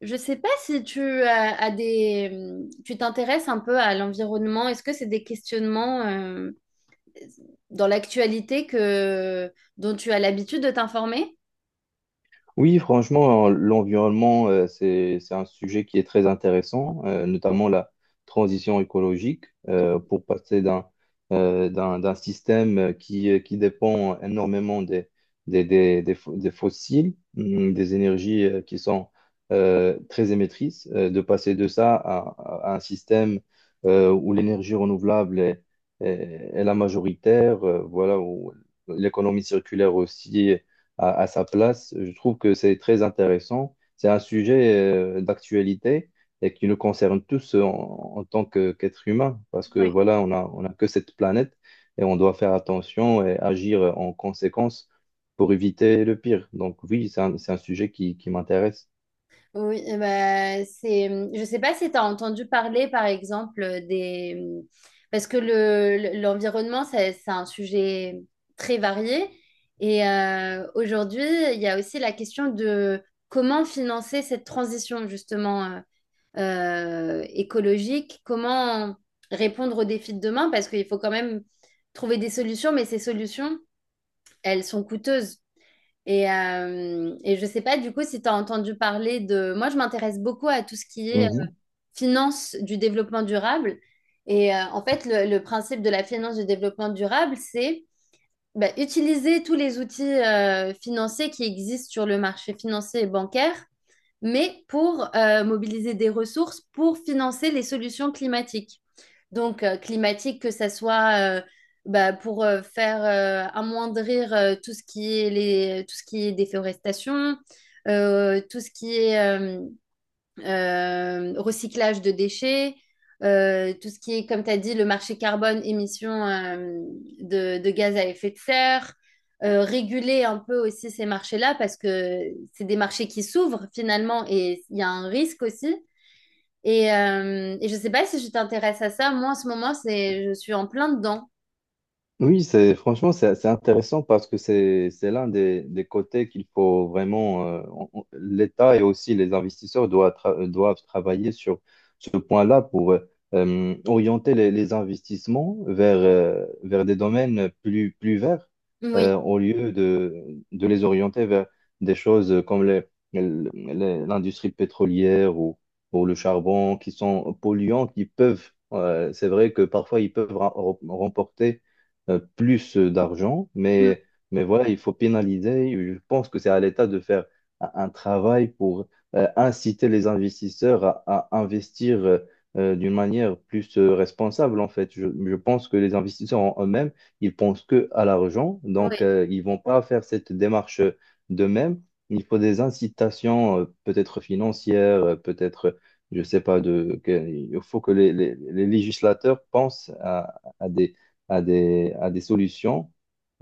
Je sais pas si tu as, tu t'intéresses un peu à l'environnement. Est-ce que c'est des questionnements dans l'actualité que dont tu as l'habitude de t'informer? Oui, franchement, l'environnement, c'est un sujet qui est très intéressant, notamment la transition écologique, pour passer d'un système qui dépend énormément des fossiles, des énergies qui sont très émettrices, de passer de ça à un système où l'énergie renouvelable est la majoritaire, voilà, où l'économie circulaire aussi à sa place. Je trouve que c'est très intéressant. C'est un sujet d'actualité et qui nous concerne tous en tant qu'être humain, parce que Oui. voilà, on a que cette planète et on doit faire attention et agir en conséquence pour éviter le pire. Donc oui, c'est un sujet qui m'intéresse. Oui, eh ben, je sais pas si tu as entendu parler, par exemple, des... mm, parce que l'environnement, c'est un sujet très varié. Et aujourd'hui, il y a aussi la question de comment financer cette transition, justement. Écologique, comment répondre aux défis de demain, parce qu'il faut quand même trouver des solutions, mais ces solutions, elles sont coûteuses. Et je ne sais pas du coup si tu as entendu parler de... Moi, je m'intéresse beaucoup à tout ce qui est finance du développement durable. Et en fait, le principe de la finance du développement durable, c'est bah, utiliser tous les outils financiers qui existent sur le marché financier et bancaire mais pour mobiliser des ressources pour financer les solutions climatiques. Donc, climatique, que ça soit bah, pour faire amoindrir tout ce qui est tout ce qui est déforestation, tout ce qui est euh, recyclage de déchets, tout ce qui est, comme tu as dit, le marché carbone, émissions de gaz à effet de serre, réguler un peu aussi ces marchés-là parce que c'est des marchés qui s'ouvrent finalement et il y a un risque aussi. Et je ne sais pas si je t'intéresse à ça. Moi, en ce moment, je suis en plein dedans. Oui, c'est franchement, c'est intéressant parce que c'est l'un des côtés qu'il faut vraiment, l'État et aussi les investisseurs doivent travailler sur ce point-là pour orienter les investissements vers des domaines plus verts Oui. Au lieu de les orienter vers des choses comme l'industrie pétrolière ou le charbon qui sont polluants, qui peuvent c'est vrai que parfois ils peuvent remporter plus d'argent, Mm. mais voilà, il faut pénaliser. Je pense que c'est à l'État de faire un travail pour inciter les investisseurs à investir d'une manière plus responsable, en fait. Je pense que les investisseurs en eux-mêmes, ils pensent que à l'argent, donc Oui. Ils vont pas faire cette démarche d'eux-mêmes. Il faut des incitations, peut-être financières, peut-être, je sais pas, il faut que les législateurs pensent à des solutions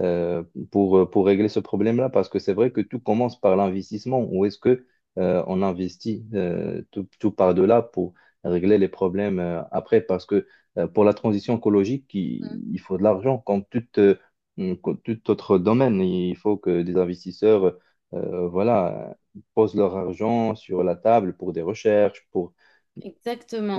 euh, pour régler ce problème-là, parce que c'est vrai que tout commence par l'investissement. Où est-ce que on investit tout, tout par de là pour régler les problèmes après? Parce que pour la transition écologique, il, Mm. il faut de l'argent, comme tout autre domaine. Il faut que des investisseurs voilà, posent leur argent sur la table pour des recherches, pour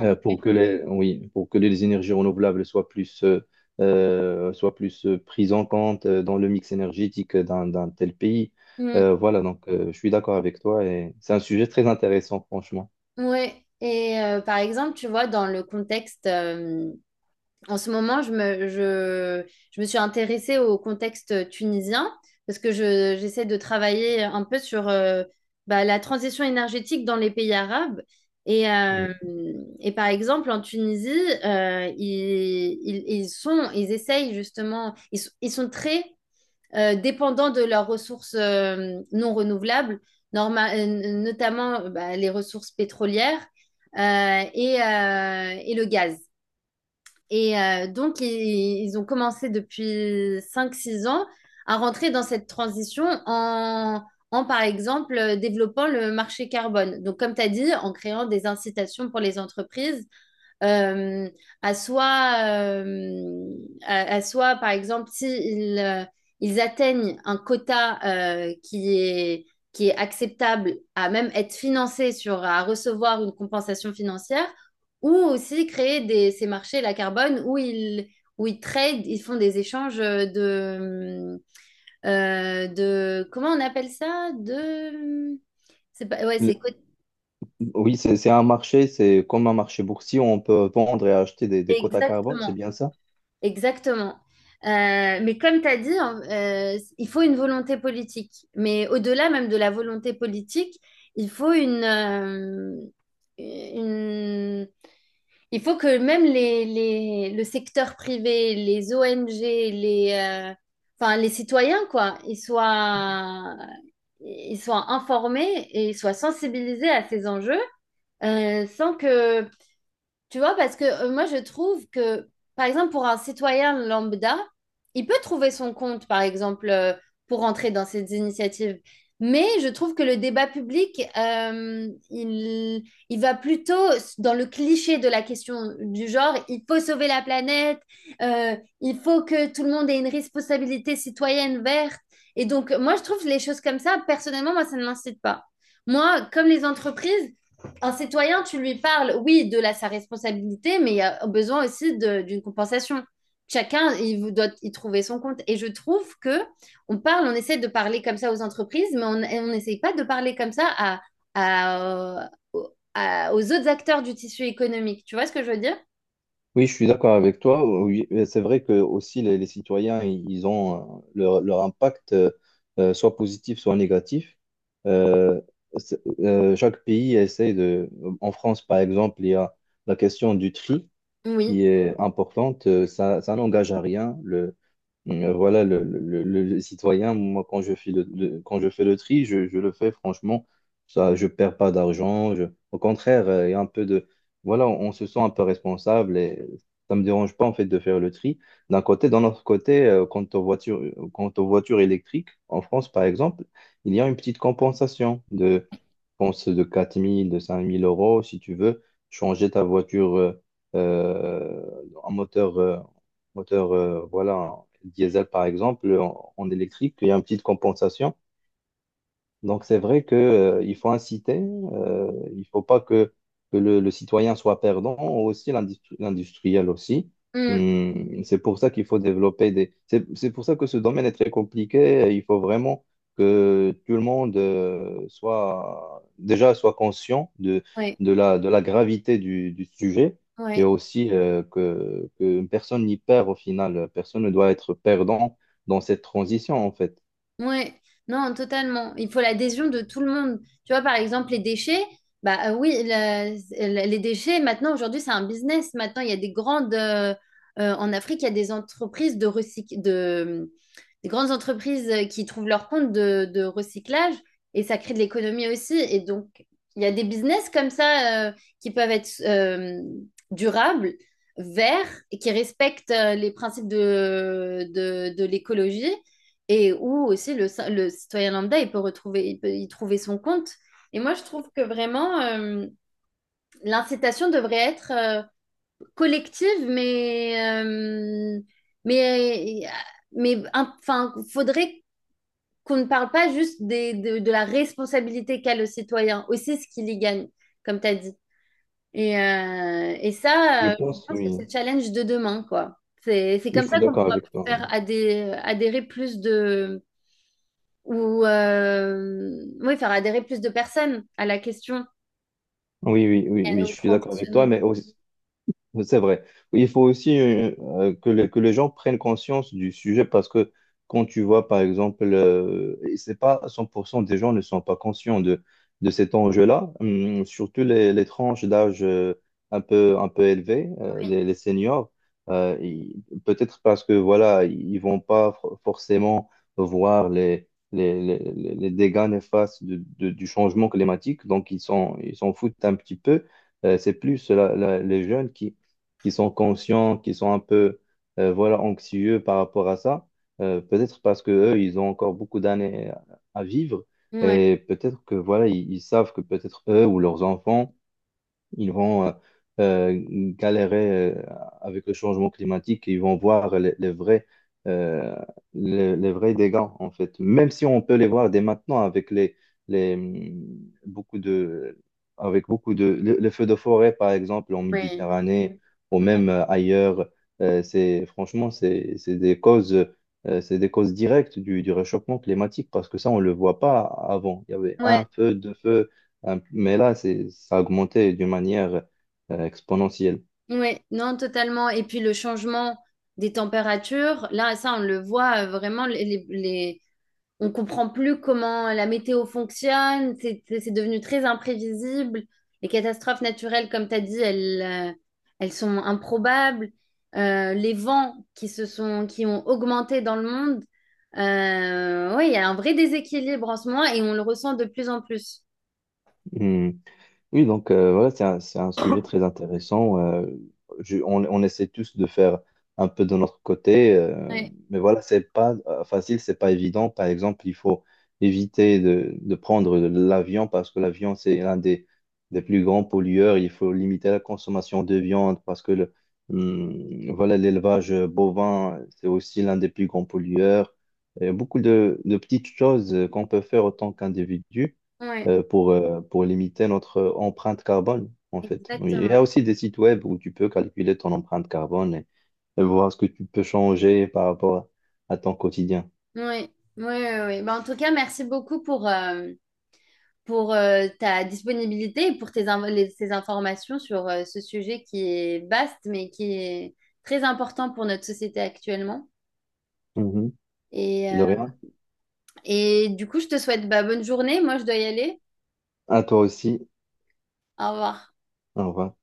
euh, oui, pour que les énergies renouvelables soient plus prises en compte dans le mix énergétique d'un tel pays. Mm. Voilà, donc je suis d'accord avec toi et c'est un sujet très intéressant, franchement. Ouais. Et par exemple, tu vois, dans le contexte en ce moment, je me suis intéressée au contexte tunisien parce que j'essaie de travailler un peu sur bah, la transition énergétique dans les pays arabes. Et, euh, et par exemple, en Tunisie, ils essayent justement, ils sont très dépendants de leurs ressources non renouvelables, notamment bah, les ressources pétrolières et le gaz. Et donc, ils ont commencé depuis cinq six ans à rentrer dans cette transition par exemple, développant le marché carbone. Donc, comme tu as dit, en créant des incitations pour les entreprises euh, à soit, euh, à soit, par exemple, s'ils ils atteignent un quota euh, qui est, qui est acceptable à même être financé sur, à recevoir une compensation financière, ou aussi créer des, ces marchés la carbone où ils trade, ils font des échanges de comment on appelle ça? C'est pas, ouais, Le- Oui, c'est un marché, c'est comme un marché boursier, où on peut vendre et acheter des quotas carbone, c'est exactement. bien ça? Exactement. Mais comme tu as dit, hein, il faut une volonté politique. Mais au-delà même de la volonté politique, il faut une, euh, une- il faut que même le secteur privé, les ONG, enfin, les citoyens, quoi, ils soient informés et ils soient sensibilisés à ces enjeux, sans que tu vois, parce que moi, je trouve que, par exemple, pour un citoyen lambda, il peut trouver son compte, par exemple, pour entrer dans ces initiatives. Mais je trouve que le débat public, il va plutôt dans le cliché de la question du genre, il faut sauver la planète, il faut que tout le monde ait une responsabilité citoyenne verte. Et donc, moi, je trouve les choses comme ça, personnellement, moi, ça ne m'incite pas. Moi, comme les entreprises, un citoyen, tu lui parles, oui, sa responsabilité, mais il y a besoin aussi d'une compensation. Chacun, il vous doit y trouver son compte. Et je trouve que on parle, on essaie de parler comme ça aux entreprises, mais on et on n'essaye pas de parler comme ça aux autres acteurs du tissu économique. Tu vois ce que je veux dire? Oui, je suis d'accord avec toi. Oui, c'est vrai que aussi les citoyens, ils ont leur impact, soit positif, soit négatif. Euh, Chaque pays essaie de. En France, par exemple, il y a la question du tri qui Oui. est importante. Ça, ça n'engage à rien. Voilà, le citoyen, moi, quand je fais quand je fais le tri, je le fais franchement. Ça, je perds pas d'argent. Au contraire, il y a un peu de... Voilà, on se sent un peu responsable et ça me dérange pas, en fait, de faire le tri. D'un côté, d'un autre côté, quant aux voitures, électriques, en France, par exemple, il y a une petite compensation de, pense, de 4 000, de 5 000 euros, si tu veux changer ta voiture euh, en moteur, voilà, diesel par exemple, en électrique, il y a une petite compensation. Donc c'est vrai que, il faut inciter, il faut pas que le citoyen soit perdant, aussi l'industriel aussi. Mm. C'est pour ça qu'il faut développer des... C'est pour ça que ce domaine est très compliqué. Il faut vraiment que tout le monde soit déjà soit conscient de, Ouais. de la, de la gravité du sujet et Ouais. aussi que personne n'y perd au final. Personne ne doit être perdant dans cette transition en fait. Ouais, non, totalement. Il faut l'adhésion de tout le monde. Tu vois, par exemple, les déchets, oui, les déchets, maintenant, aujourd'hui, c'est un business. Maintenant, il y a des grandes. En Afrique, il y a des entreprises des grandes entreprises qui trouvent leur compte de recyclage et ça crée de l'économie aussi. Et donc, il y a des business comme ça qui peuvent être durables, verts, et qui respectent les principes de l'écologie. Et où aussi le citoyen lambda, il peut y trouver son compte. Et moi, je trouve que vraiment, l'incitation devrait être collective, mais, mais enfin, faudrait qu'on ne parle pas juste de la responsabilité qu'a le citoyen, aussi ce qu'il y gagne, comme tu as dit. Et Je ça, je pense, pense que oui. c'est le challenge de demain, quoi. C'est Oui, je comme suis ça qu'on d'accord pourra avec toi. faire adhérer plus de, ou oui, faire adhérer plus de personnes à la question Oui, oui, oui, et oui, au je suis d'accord avec toi, transitionnement. mais c'est vrai. Il faut aussi que les gens prennent conscience du sujet parce que quand tu vois, par exemple, et c'est pas 100% des gens ne sont pas conscients de cet enjeu-là. Surtout les tranches d'âge un peu élevées, Oui, les seniors, peut-être parce que voilà, ils vont pas forcément voir les dégâts néfastes du changement climatique, donc ils s'en foutent un petit peu. C'est plus les jeunes qui sont conscients, qui sont un peu voilà, anxieux par rapport à ça. Peut-être parce que eux, ils ont encore beaucoup d'années à vivre oui, et peut-être que voilà, ils savent que peut-être eux ou leurs enfants ils vont euh, galérer avec le changement climatique et ils vont voir euh, les vrais dégâts, en fait. Même si on peut les voir dès maintenant avec beaucoup de, avec beaucoup de, les feux de forêt, par exemple, en oui, Méditerranée ou même ailleurs, c'est, franchement, c'est des causes. C'est des causes directes du réchauffement climatique parce que ça, on ne le voit pas avant. Il y avait un ouais, feu, deux feux, mais là, ça a augmenté d'une manière exponentielle. ouais, non, totalement. Et puis le changement des températures, là, ça, on le voit vraiment, on comprend plus comment la météo fonctionne, devenu très imprévisible. Les catastrophes naturelles, comme tu as dit, elles sont improbables. Les vents qui ont augmenté dans le monde, ouais, il y a un vrai déséquilibre en ce moment et on le ressent de plus en plus. Hmm. Oui, donc voilà, c'est un sujet très intéressant. On essaie tous de faire un peu de notre côté, Ouais, mais voilà, c'est pas facile, c'est pas évident. Par exemple, il faut éviter de prendre l'avion parce que l'avion, c'est l'un des plus grands pollueurs. Il faut limiter la consommation de viande parce que voilà, l'élevage bovin, c'est aussi l'un des plus grands pollueurs. Il y a beaucoup de petites choses qu'on peut faire en tant qu'individu ouais, pour limiter notre empreinte carbone, en fait. Oui, il y exactement. a aussi des sites web où tu peux calculer ton empreinte carbone et voir ce que tu peux changer par rapport à ton quotidien. Ouais, ouais, ouais. Ouais. Ben, en tout cas, merci beaucoup pour, ta disponibilité et pour ces informations sur ce sujet qui est vaste, mais qui est très important pour notre société actuellement. Mhm. Et, De euh, rien. et du coup, je te souhaite bah, bonne journée. Moi, je dois y aller. À toi aussi. Au revoir. Au revoir.